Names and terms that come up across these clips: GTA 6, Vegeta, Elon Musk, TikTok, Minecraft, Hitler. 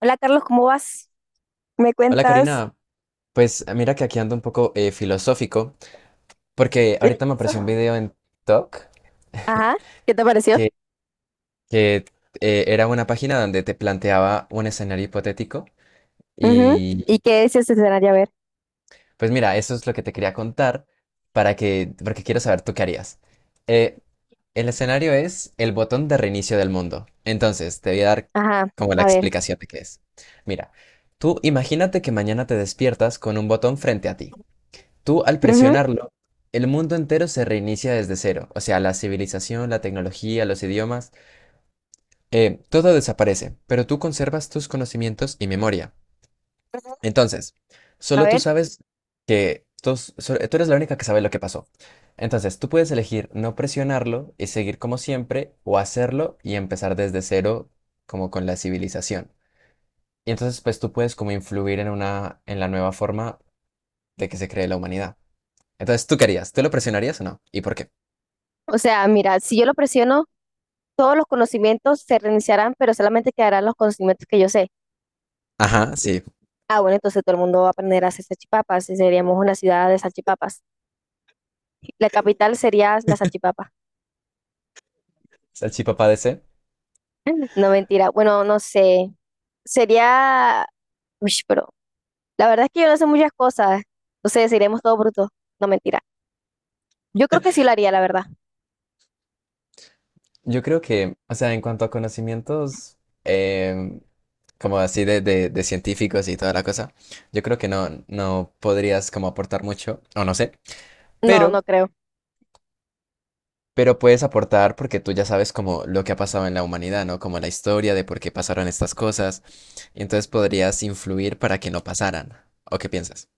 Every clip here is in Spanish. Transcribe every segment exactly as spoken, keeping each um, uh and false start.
Hola Carlos, ¿cómo vas? ¿Me Hola cuentas Karina, pues eh, mira que aquí ando un poco eh, filosófico, porque el ahorita me apareció un yeso? video en TikTok Ajá, ¿qué te pareció? que, que, eh, era una página donde te planteaba un escenario hipotético. Ujú, Y ¿y qué es ese escenario? A ver, pues mira, eso es lo que te quería contar para que, porque quiero saber tú qué harías. Eh, el escenario es el botón de reinicio del mundo. Entonces te voy a dar ajá, como la a ver, explicación de qué es. Mira, tú imagínate que mañana te despiertas con un botón frente a ti. Tú al ujú, presionarlo, el mundo entero se reinicia desde cero. O sea, la civilización, la tecnología, los idiomas, eh, todo desaparece, pero tú conservas tus conocimientos y memoria. Entonces, a solo tú ver. sabes que tos- so- tú eres la única que sabe lo que pasó. Entonces, tú puedes elegir no presionarlo y seguir como siempre, o hacerlo y empezar desde cero, como con la civilización. Y entonces, pues tú puedes como influir en una, en la nueva forma de que se cree la humanidad. Entonces, ¿tú querías? ¿Tú lo presionarías o no? ¿Y por qué? O sea, mira, si yo lo presiono, todos los conocimientos se reiniciarán, pero solamente quedarán los conocimientos que yo sé. Ajá, sí. Ah, bueno, entonces todo el mundo va a aprender a hacer salchipapas y seríamos una ciudad de salchipapas. La capital sería la salchipapa. Salchipapa D C. No, mentira. Bueno, no sé. Sería. Uy, pero la verdad es que yo no sé muchas cosas. Entonces, seríamos todo bruto. No, mentira. Yo creo que sí lo haría, la verdad. Yo creo que, o sea, en cuanto a conocimientos, em, como así de, de- de científicos y toda la cosa, yo creo que no, no podrías como aportar mucho, o no sé, No, no pero, creo. pero puedes aportar porque tú ya sabes como lo que ha pasado en la humanidad, ¿no? Como la historia de por qué pasaron estas cosas, y entonces podrías influir para que no pasaran. ¿O qué piensas?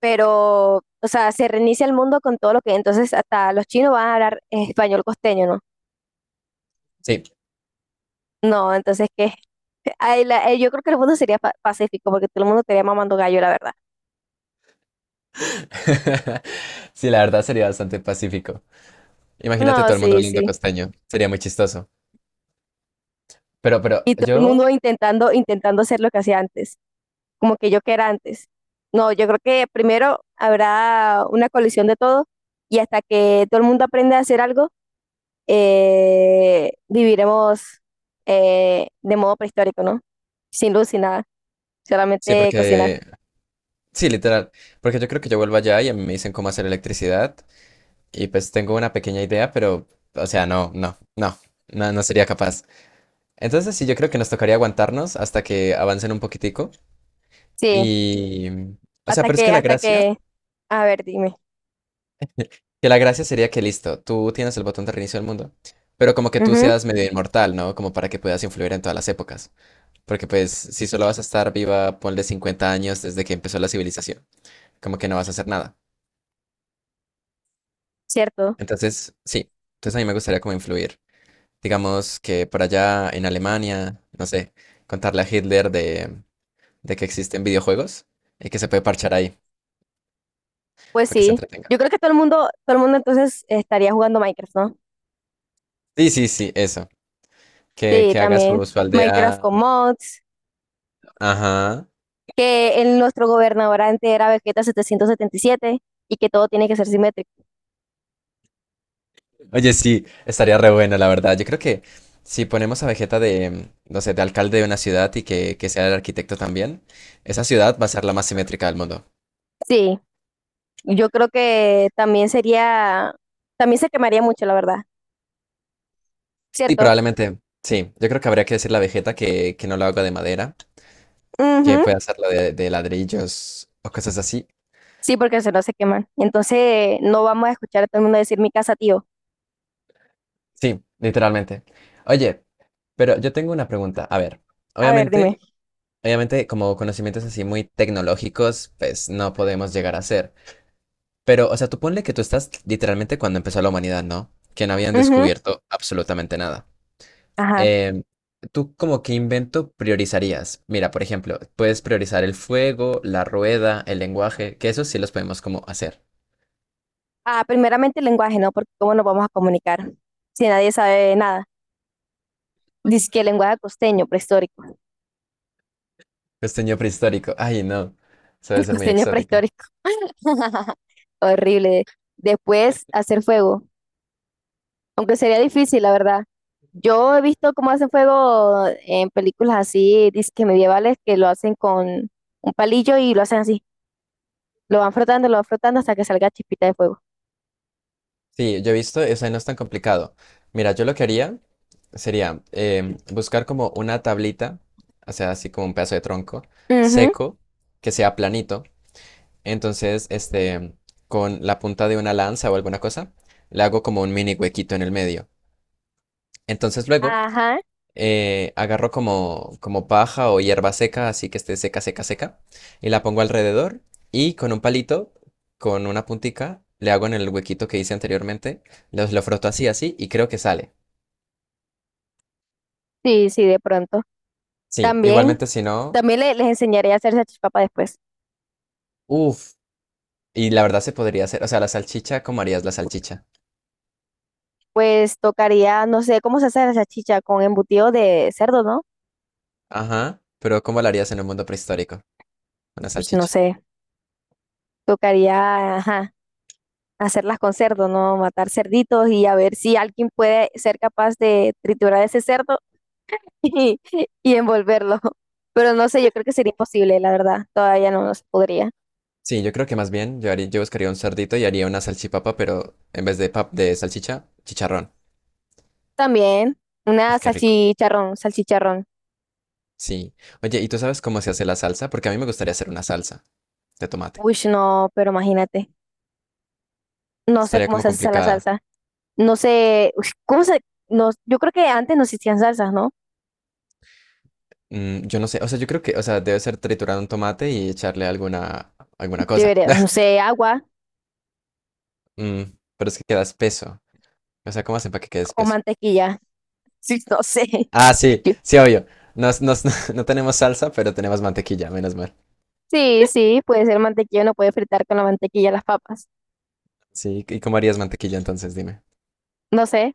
Pero, o sea, se reinicia el mundo con todo lo que, entonces hasta los chinos van a hablar español costeño, ¿no? Sí. No, entonces que yo creo que el mundo sería pa- pacífico porque todo el mundo estaría mamando gallo, la verdad. Sí, la verdad sería bastante pacífico. Imagínate No, todo el mundo sí, hablando sí. costeño. Sería muy chistoso. Pero, pero Y todo el yo, mundo intentando, intentando hacer lo que hacía antes, como que yo que era antes. No, yo creo que primero habrá una colisión de todo y hasta que todo el mundo aprende a hacer algo, eh, viviremos eh, de modo prehistórico, ¿no? Sin luz, sin nada, sí, solamente cocinar. porque, sí, literal, porque yo creo que yo vuelvo allá y a mí me dicen cómo hacer electricidad y pues tengo una pequeña idea, pero, o sea, no, no, no, no, no sería capaz. Entonces sí, yo creo que nos tocaría aguantarnos hasta que avancen un poquitico. Sí, Y, o sea, hasta pero es que que, la hasta gracia, que, a ver, dime. que la gracia sería que listo, tú tienes el botón de reinicio del mundo, pero como que tú Ujú, seas medio inmortal, ¿no? Como para que puedas influir en todas las épocas, porque pues si solo vas a estar viva, ponle cincuenta años desde que empezó la civilización, como que no vas a hacer nada. cierto, Entonces, sí, entonces a mí me gustaría como influir. Digamos que por allá en Alemania, no sé, contarle a Hitler de, de que existen videojuegos y que se puede parchar ahí pues para que se sí. entretenga. Yo creo que todo el mundo, todo el mundo entonces estaría jugando Minecraft, ¿no? Sí, sí, sí, eso. Que, Sí, que haga también. su, su Minecraft aldea. con mods, Ajá. que el, nuestro gobernador antes era Vegeta setecientos setenta y siete y que todo tiene que ser simétrico. Oye, sí, estaría re bueno, la verdad. Yo creo que si ponemos a Vegeta de, no sé, de alcalde de una ciudad y que, que sea el arquitecto también, esa ciudad va a ser la más simétrica del mundo. Sí. Yo creo que también sería, también se quemaría mucho, la verdad, Sí, ¿cierto? probablemente. Sí, yo creo que habría que decirle a Vegeta que, que no lo haga de madera, Ujú, que puede hacerlo de, de ladrillos o cosas así. sí, porque se no se queman. Entonces, no vamos a escuchar a todo el mundo decir mi casa, tío. Sí, literalmente. Oye, pero yo tengo una pregunta. A ver, A ver, dime. obviamente, obviamente, como conocimientos así muy tecnológicos, pues no podemos llegar a ser. Pero, o sea, tú ponle que tú estás literalmente cuando empezó la humanidad, ¿no? Que no habían Ujú, descubierto absolutamente nada. ajá. Em, ¿Tú como qué invento priorizarías? Mira, por ejemplo, puedes priorizar el fuego, la rueda, el lenguaje, que eso sí los podemos como hacer. Ah, primeramente el lenguaje, ¿no? Porque cómo nos vamos a comunicar si nadie sabe nada. Dice que el lenguaje costeño prehistórico. Costeño prehistórico. Ay, no. Eso debe El ser muy costeño exótico. prehistórico. Horrible. Después, hacer fuego. Aunque sería difícil, la verdad. Yo he visto cómo hacen fuego en películas así, disque medievales, que lo hacen con un palillo y lo hacen así. Lo van frotando, lo van frotando hasta que salga chispita de fuego. Sí, yo he visto, o sea, no es tan complicado. Mira, yo lo que haría sería em, buscar como una tablita, o sea, así como un pedazo de tronco Ujú, seco, que sea planito. Entonces, este, con la punta de una lanza o alguna cosa, le hago como un mini huequito en el medio. Entonces, luego ajá. eh, agarro como, como paja o hierba seca, así que esté seca, seca, seca, y la pongo alrededor. Y con un palito, con una puntica, le hago en el huequito que hice anteriormente, los, lo froto así, así, y creo que sale. Sí, sí, de pronto. Sí, También, igualmente si no, también le- les enseñaré a hacer salchipapa después. uff, y la verdad se podría hacer, o sea, la salchicha, ¿cómo harías la salchicha? Pues tocaría, no sé, ¿cómo se hace la salchicha? Con embutido de cerdo, ¿no? Ajá, pero ¿cómo la harías en un mundo prehistórico? Una Pues no salchicha. sé. Tocaría, ajá, hacerlas con cerdo, ¿no? Matar cerditos y a ver si alguien puede ser capaz de triturar ese cerdo y, y envolverlo. Pero no sé, yo creo que sería imposible, la verdad. Todavía no, no se podría. Sí, yo creo que más bien yo, haría, yo buscaría un cerdito y haría una salchipapa, pero en vez de, pap de salchicha, chicharrón. También una Uf, qué rico. salchicharrón, salchicharrón. Sí. Oye, ¿y tú sabes cómo se hace la salsa? Porque a mí me gustaría hacer una salsa de tomate. Uy, no, pero imagínate. No sé Estaría cómo como se hace esa la complicada. salsa. No sé, uy, ¿cómo se…? No, yo creo que antes no existían salsas, ¿no? Mm, yo no sé. O sea, yo creo que, o sea, debe ser triturar un tomate y echarle alguna, alguna cosa. Debería, no sé, agua Mm, pero es que queda espeso. O sea, ¿cómo hacen para que quede o espeso? mantequilla. Sí, no sé. Ah, sí, Yo- sí, obvio. Nos, nos- no tenemos salsa, pero tenemos mantequilla, menos mal. sí, sí, puede ser mantequilla, no puede fritar con la mantequilla las papas. Sí, ¿y cómo harías mantequilla entonces? Dime. No sé,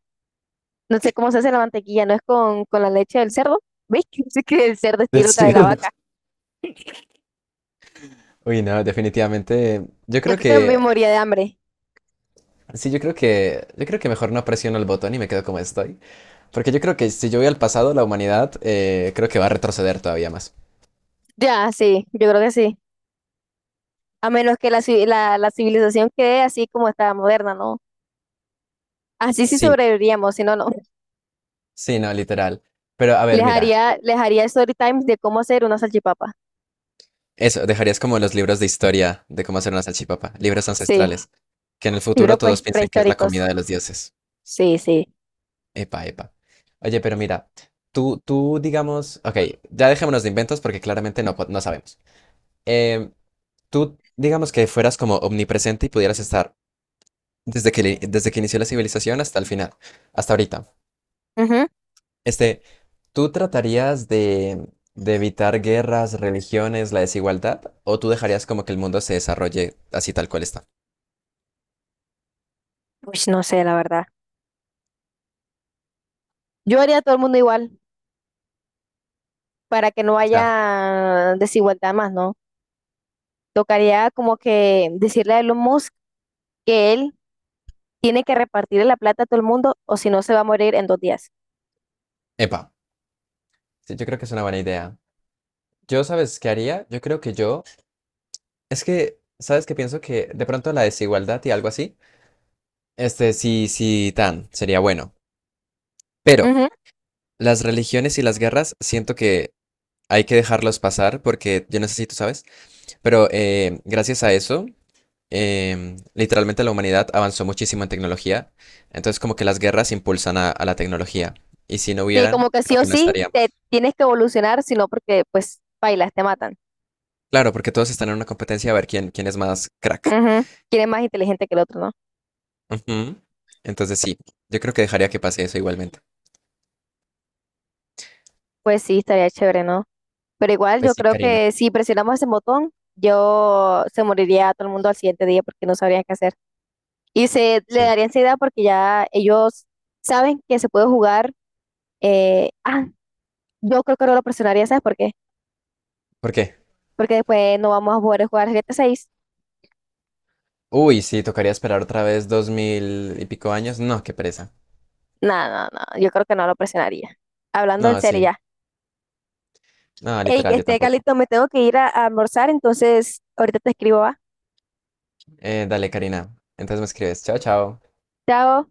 no sé cómo se hace la mantequilla, no es con, con la leche del cerdo. ¿Veis sí que el cerdo es Del loca de la cerdo. vaca? Uy, no, definitivamente. Yo Yo creo creo que me que moría de hambre. sí, yo creo que, yo creo que mejor no presiono el botón y me quedo como estoy. Porque yo creo que si yo voy al pasado, la humanidad, eh, creo que va a retroceder todavía más. Ya, sí, yo creo que sí. A menos que la, ci- la, la civilización quede así como está moderna, ¿no? Así sí Sí, sobreviviríamos, si no, no. sí, no, literal. Pero a Les ver, mira, haría, les haría story times de cómo hacer una salchipapa. eso, dejarías como los libros de historia de cómo hacer una salchipapa, libros Sí, ancestrales, que en el futuro libros pre- todos piensen que es la prehistóricos. comida de los dioses. Sí, sí. Epa, epa. Oye, pero mira, tú, tú, digamos, ok, ya dejémonos de inventos porque claramente no, po- no sabemos. Em, Tú, digamos que fueras como omnipresente y pudieras estar desde que, desde que inició la civilización hasta el final, hasta ahorita. Ujú. Este, ¿tú tratarías de, de evitar guerras, religiones, la desigualdad? ¿O tú dejarías como que el mundo se desarrolle así tal cual está? Pues no sé, la verdad. Yo haría a todo el mundo igual, para que no O sea, haya desigualdad más, ¿no? Tocaría como que decirle a Elon Musk que él tiene que repartirle la plata a todo el mundo o si no se va a morir en dos días. epa, sí, yo creo que es una buena idea. Yo, ¿sabes qué haría? Yo creo que yo, es que, ¿sabes qué pienso? Que de pronto la desigualdad y algo así, este, sí, sí, tan, sería bueno. Pero Ujú. las religiones y las guerras, siento que hay que dejarlos pasar porque yo necesito, ¿sabes? Pero eh, gracias a eso, em, literalmente la humanidad avanzó muchísimo en tecnología. Entonces, como que las guerras impulsan a, a la tecnología. Y si no Sí, como hubieran, que sí creo o que no sí te estaríamos. tienes que evolucionar, sino porque pues bailas, te matan. Claro, porque todos están en una competencia a ver quién, quién es más crack. Ujú. ¿Quién es más inteligente que el otro, no? Ujú. Entonces, sí, yo creo que dejaría que pase eso igualmente. Pues sí, estaría chévere, ¿no? Pero igual Pues yo sí, creo Karina. que si presionamos ese botón, yo se moriría todo el mundo al siguiente día porque no sabrían qué hacer. Y se le Sí. daría ansiedad porque ya ellos saben que se puede jugar. eh, ah, yo creo que no lo presionaría, ¿sabes por qué? ¿Por qué? Porque después no vamos a poder jugar G T A seis. Uy, sí, tocaría esperar otra vez dos mil y pico años. No, qué pereza. No, no, no, yo creo que no lo presionaría. Hablando en No, serio sí. ya. No, Hey, literal, yo este tampoco. Calito, me tengo que ir a, a almorzar, entonces ahorita te escribo, ¿va? Eh, dale, Karina. Entonces me escribes. Chao, chao. Chao.